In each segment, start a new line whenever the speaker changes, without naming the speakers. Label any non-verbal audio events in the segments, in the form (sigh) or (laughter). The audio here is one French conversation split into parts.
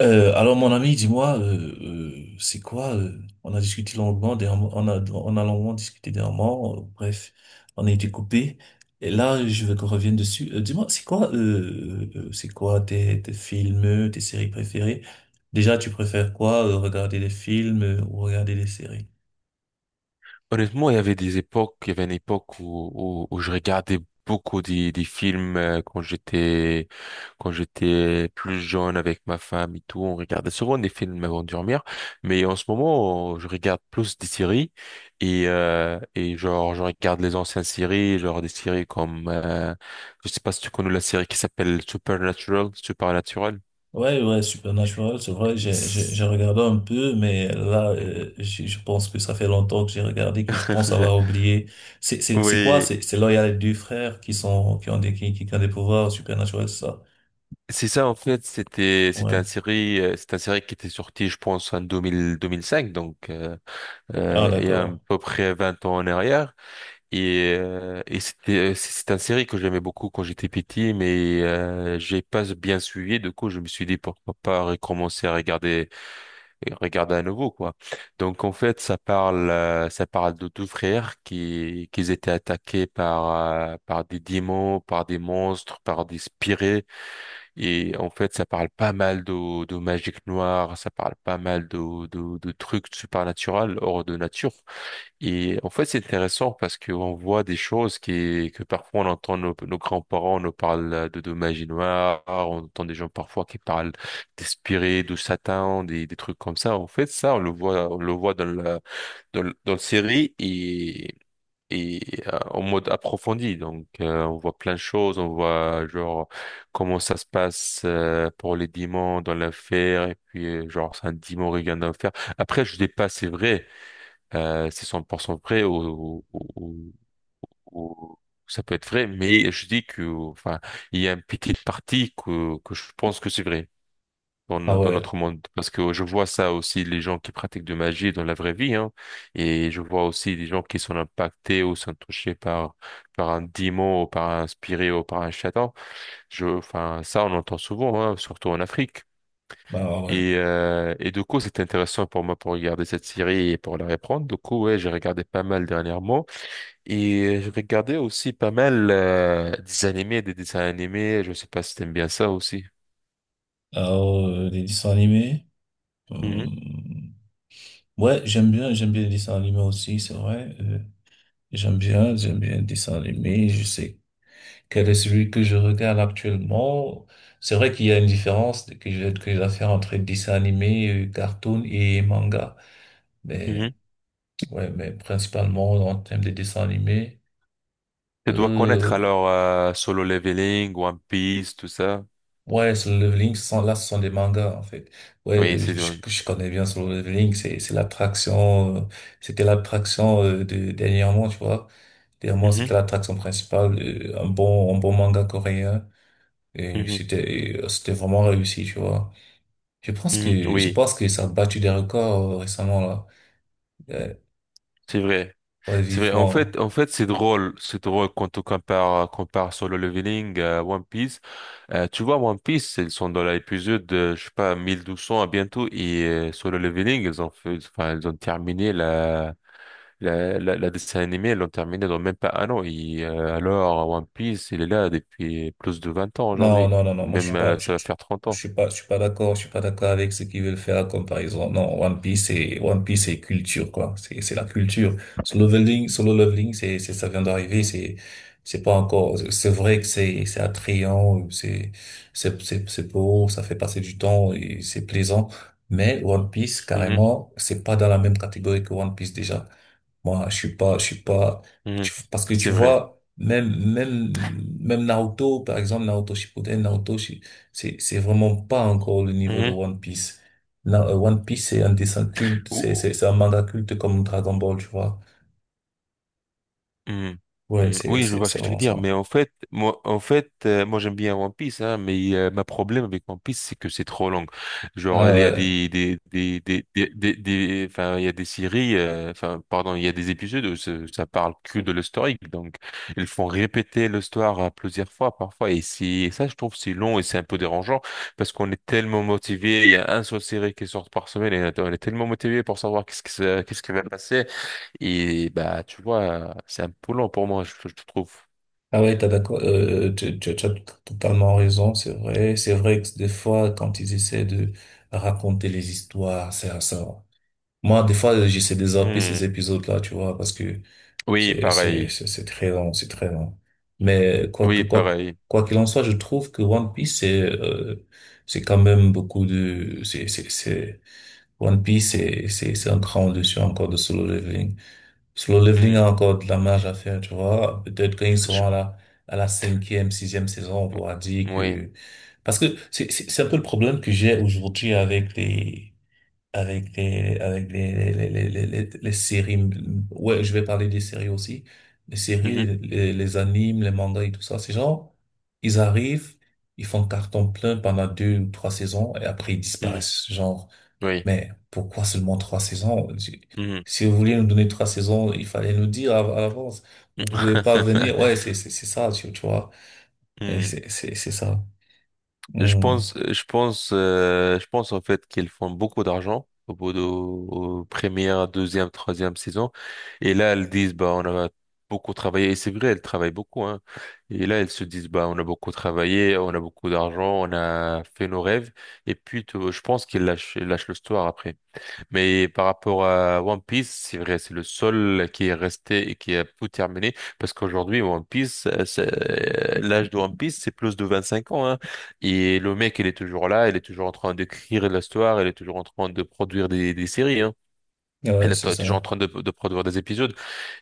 Alors mon ami, dis-moi, c'est quoi on a longuement discuté dernièrement, bref, on a été coupé. Et là, je veux qu'on revienne dessus. Dis-moi, c'est quoi tes films, tes séries préférées? Déjà, tu préfères quoi, regarder des films, ou regarder des séries?
Honnêtement, il y avait des époques, il y avait une époque où je regardais beaucoup des films quand j'étais plus jeune avec ma femme et tout. On regardait souvent des films avant de dormir, mais en ce moment, je regarde plus des séries et genre je regarde les anciennes séries, genre des séries comme je sais pas si tu connais la série qui s'appelle Supernatural, Supernatural.
Ouais, ouais, Supernatural, c'est vrai, j'ai
C'est-
regardé un peu, mais là, je pense que ça fait longtemps que j'ai regardé, que je pense avoir
(laughs)
oublié. C'est quoi?
Oui,
C'est là, il y a les deux frères qui sont, qui ont des, qui ont des pouvoirs, Supernatural, c'est ça?
c'est ça, en fait,
Ouais.
c'est un série qui était sorti, je pense, en 2000 2005, donc
Ah,
il y a à
d'accord.
peu près 20 ans en arrière. Et c'est un série que j'aimais beaucoup quand j'étais petit, mais j'ai pas bien suivi. Du coup, je me suis dit pourquoi pas recommencer à regarder et regarder à nouveau, quoi. Donc en fait, ça parle de deux frères qui étaient attaqués par des démons, par des monstres, par des spirits et en fait, ça parle pas mal de magie noire, ça parle pas mal de trucs surnaturels hors de nature. Et en fait, c'est intéressant parce qu'on voit des choses que parfois on entend nos grands-parents nous parlent de magie noire, on entend des gens parfois qui parlent d'esprit, de Satan, des trucs comme ça. En fait, ça, on le voit dans la série et en mode approfondi. Donc, on voit plein de choses, on voit genre comment ça se passe pour les diamants dans l'affaire, et puis genre c'est un diamant regagne dans l'affaire. Après, je dis pas c'est vrai, c'est 100% vrai ou- ou- ou ça peut être vrai, mais je dis que enfin il y a une petite partie que je pense que c'est vrai dans,
Ah
no- dans
ouais.
notre monde. Parce que je vois ça aussi, les gens qui pratiquent de magie dans la vraie vie, hein, et je vois aussi les gens qui sont impactés ou sont touchés par un démon ou par un spirit ou par un châtain. Enfin, ça, on entend souvent, hein, surtout en Afrique.
Bah ouais. Ouais.
Et du coup, c'est intéressant pour moi pour regarder cette série et pour la reprendre. Du coup, ouais, j'ai regardé pas mal dernièrement. Et j'ai regardé aussi pas mal des animés, des dessins animés. Je sais pas si t'aimes bien ça aussi.
Alors, des dessins animés?
Mhm,
Hum, Ouais, j'aime bien les dessins animés aussi, c'est vrai. J'aime bien, j'aime bien les dessins animés, je sais quel est celui que je regarde actuellement. C'est vrai qu'il y a une différence que je dois faire entre dessin animé, cartoon et manga. Mais,
mhm.
ouais, mais principalement en termes de dessin animé,
Tu dois connaître
euh,
alors Solo Leveling, One Piece, tout ça.
ouais, Solo Leveling, là, ce sont des mangas, en fait. Ouais,
Oui,
euh,
c'est
je,
vrai.
je connais bien Solo Leveling, c'était l'attraction, de, dernièrement, tu vois. Dernièrement,
Mhm,
c'était l'attraction principale, un bon manga coréen. Et
mhm,
c'était, et c'était vraiment réussi, tu vois. Je pense
mhm.
que, je
Oui,
pense que ça a battu des records, récemment, là. Euh,
c'est vrai.
ouais,
C'est vrai. En fait,
vivement.
en fait, c'est drôle. C'est drôle quand on compare Solo Leveling à One Piece. Tu vois, One Piece, ils sont dans l'épisode, de, je sais pas, 1200 à bientôt. Solo Leveling, enfin, ils ont terminé la dessin animé, ils l'ont terminé dans même pas un an. Alors, One Piece, il est là depuis plus de 20 ans
Non,
aujourd'hui.
non, non,
Ou
non, moi
même, ça va faire 30 ans.
je suis pas d'accord, je suis pas d'accord avec ce qu'ils veulent faire comme par exemple, non, One Piece c'est culture, quoi, c'est la culture. Solo leveling, ça vient d'arriver,
Mhm,
c'est pas encore, c'est vrai que c'est attrayant, c'est beau, ça fait passer du temps et c'est plaisant, mais One Piece,
mhm,
carrément, c'est pas dans la même catégorie que One Piece déjà. Moi, je suis pas,
mhm.
tu- parce que
C'est
tu
vrai.
vois, même, même, même Naruto, par exemple, Naruto Shippuden, c'est vraiment pas encore le niveau de
Mhm.
One Piece. One Piece, c'est un dessin culte, c'est,
Ou-
c'est, c'est un manga culte comme Dragon Ball, tu vois.
Hmm.
Ouais,
Hmm.
c'est,
Oui, je
c'est,
vois ce
c'est
que tu veux
vraiment
dire,
ça.
mais en fait, moi j'aime bien One Piece, hein, mais ma problème avec One Piece, c'est que c'est trop long. Genre,
Ah
il y a
ouais,
des- enfin, il y a des séries, enfin, pardon, il y a des épisodes où ça parle que de l'historique, donc ils font répéter l'histoire plusieurs fois, parfois, et ça, je trouve, c'est long et c'est un peu dérangeant parce qu'on est tellement motivé. Il y a un seule série qui sort par semaine et on est tellement motivé pour savoir qu'est-ce qui va passer. Et bah, tu vois, c'est un peu long pour moi, je trouve.
ah ouais, t'as d'accord, tu as totalement raison, c'est vrai. C'est vrai que des fois, quand ils essaient de raconter les histoires, c'est ça. Moi, des fois, j'essaie de zapper
Hmm.
ces épisodes-là, tu vois, parce que
Oui,
C'est, c'est,
pareil.
c'est c'est très long, c'est très long. Mais
Oui, pareil.
quoi qu'il en soit, je trouve que One Piece, c'est quand même beaucoup de, One Piece, c'est un cran au-dessus encore de Solo Leveling. Solo Leveling
Hmm.
a encore de la marge à faire, tu vois. Peut-être quand ils seront
Je-
à la cinquième, sixième saison, on pourra dire
Oui.
que, parce que c'est un peu le problème que j'ai aujourd'hui avec les les séries, ouais je vais parler des séries aussi, les séries
Mhm.
les animes, les mangas et tout ça, ces gens ils arrivent, ils font carton plein pendant deux ou trois saisons et après ils
Mhm.
disparaissent, genre
Oui.
mais pourquoi seulement trois saisons, si
Mhm.
si vous vouliez nous donner trois saisons, il fallait nous dire à l'avance, vous pouvez pas venir,
(laughs)
ouais, c'est ça, tu vois. Et
Hmm.
c'est ça.
Je
Hmm.
pense, je pense, euh, je pense en fait qu'ils font beaucoup d'argent au bout de aux première, deuxième, troisième saison. Et là, elles disent, bah, on a beaucoup travaillé. Et c'est vrai, elles travaillent beaucoup, hein. Et là, elles se disent, bah, on a beaucoup travaillé, on a beaucoup d'argent, on a fait nos rêves. Et puis, je pense qu'ils lâchent le store après. Mais par rapport à One Piece, c'est vrai, c'est le seul qui est resté et qui a tout terminé. Parce qu'aujourd'hui, One Piece, l'âge de One Piece, c'est plus de 25 ans. Hein. Et le mec, il est toujours là, il est toujours en train d'écrire l'histoire, il est toujours en train de produire des séries. Hein. Il
Ouais,
est
c'est
toujours en
ça.
train de produire des épisodes.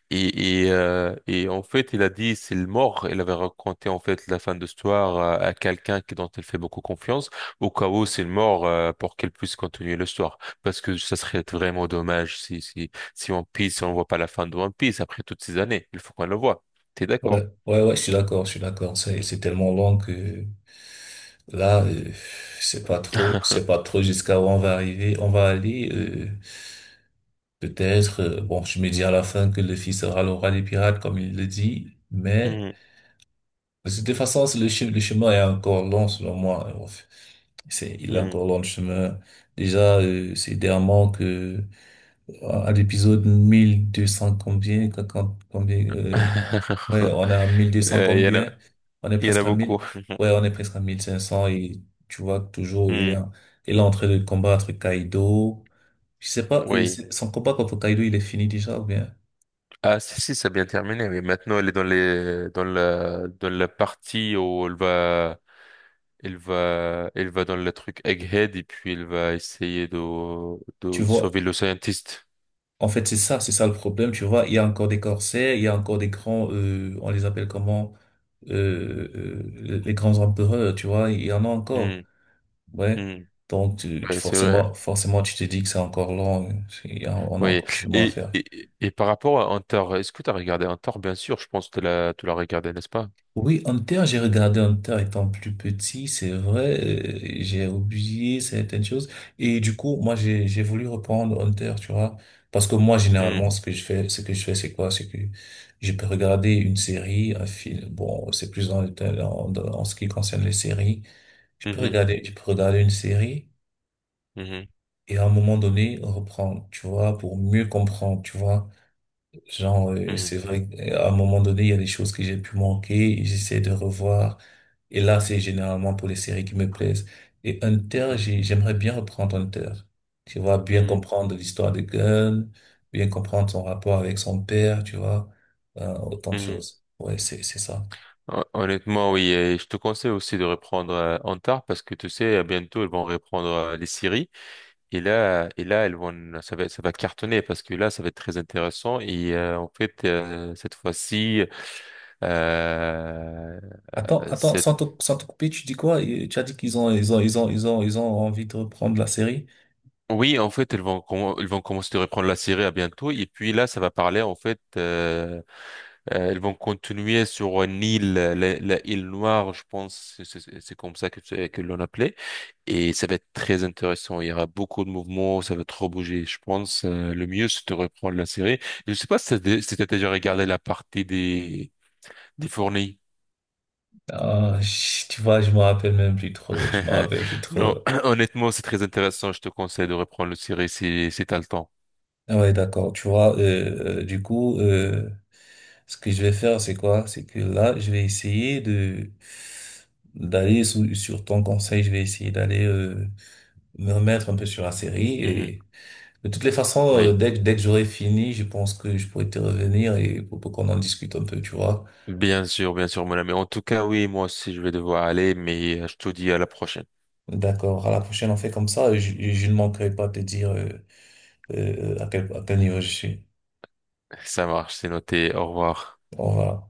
Et en fait, il a dit c'est le mort. Il avait raconté en fait la fin de l'histoire à quelqu'un dont elle fait beaucoup confiance, au cas où c'est le mort pour qu'elle puisse continuer l'histoire. Parce que ça serait vraiment dommage si One Piece on voit pas la fin de One Piece après toutes ces années. Il faut qu'on le voit. T'es
Ouais,
d'accord?
ouais, ouais, je suis d'accord, je suis d'accord. C'est tellement long que là, c'est pas
(laughs)
trop jusqu'à où on va arriver. On va aller, peut-être, bon, je me dis à la fin que le fils sera le roi des pirates, comme il le dit, mais
Hmm,
de toute façon, le chemin est encore long, selon moi. Enfin, il est
hmm.
encore long le chemin. Déjà, c'est dernièrement que, à l'épisode 1200 combien, ouais, on est à
(laughs)
1200
Il y en a,
combien? On est
il y en a
presque à
beaucoup.
1000. Ouais, on est presque à 1500 et tu vois que toujours il est
Hmm,
en, il est en train de combattre Kaido. Je sais pas,
oui.
son combat contre Kaido, il est fini déjà ou bien?
Ah, si, si, ça a bien terminé. Mais maintenant, elle est dans la partie où elle va, Il va, il va dans le truc Egghead et puis il va essayer de,
Tu
de sauver
vois,
le scientiste.
en fait, c'est ça le problème, tu vois. Il y a encore des corsaires, il y a encore des grands, on les appelle comment? Les grands empereurs, tu vois, il y en a encore.
Hmm,
Ouais.
hmm.
Donc,
Ouais, c'est vrai.
forcément, forcément, tu te dis que c'est encore long. Hein. On a
Oui.
encore du chemin à
Et,
faire.
et, et par rapport à Hunter, est-ce que tu as regardé Hunter? Bien sûr, je pense que tu l'as regardé, n'est-ce pas?
Oui, Hunter, j'ai regardé Hunter étant plus petit, c'est vrai, j'ai oublié certaines choses. Et du coup, moi, j'ai voulu reprendre Hunter, tu vois. Parce que moi,
Hmm,
généralement, ce que je fais, ce que je fais, c'est quoi? C'est que je peux regarder une série, un film. Bon, c'est plus dans, en ce qui concerne les séries.
mhm,
Je peux regarder une série
mhm,
et à un moment donné, reprendre, tu vois, pour mieux comprendre, tu vois. Genre,
mhm,
c'est vrai qu'à un moment donné, il y a des choses que j'ai pu manquer et j'essaie de revoir. Et là, c'est généralement pour les séries qui me plaisent. Et Hunter, j'aimerais bien reprendre Hunter. Tu vois, bien
mhm,
comprendre l'histoire de Gunn, bien comprendre son rapport avec son père, tu vois, autant de
mhm.
choses. Ouais, c'est ça.
Honnêtement, oui. Et je te conseille aussi de reprendre Hunter parce que tu sais, bientôt, ils vont reprendre les séries. Et là, elles vont, ça va cartonner parce que là, ça va être très intéressant. En fait, cette fois-ci, euh,
Attends, attends,
cette-
sans te couper, tu dis quoi? Et tu as dit qu'ils ont, ils ont, ils ont, ils ont, ils ont envie de reprendre la série?
oui, en fait, ils vont commencer de reprendre la série à bientôt. Et puis là, ça va parler, en fait, ils vont continuer sur une île, la île Noire, je pense, c'est comme ça que, que l'on appelait. Et ça va être très intéressant. Il y aura beaucoup de mouvements, ça va trop bouger. Je pense, le mieux, c'est de reprendre la série. Je sais pas si t'as déjà regardé la partie des fournis.
Ah, tu vois, je me rappelle même plus trop, je me
(laughs)
rappelle plus
Non,
trop.
(clears throat) honnêtement, c'est très intéressant. Je te conseille de reprendre la série si t'as le temps.
Ah ouais, d'accord. Tu vois, du coup, ce que je vais faire, c'est quoi? C'est que là, je vais essayer de sur ton conseil, je vais essayer d'aller me remettre un peu sur la série.
Mhm.
Et de toutes les façons,
Oui.
dès que j'aurai fini, je pense que je pourrai te revenir et pour qu'on en discute un peu, tu vois.
Bien sûr, mon ami. En tout cas, oui, moi aussi, je vais devoir aller, mais je te dis à la prochaine.
D'accord. À la prochaine, on fait comme ça. Et je ne manquerai pas de te dire à quel niveau je suis.
Ça marche, c'est noté. Au revoir.
Au revoir.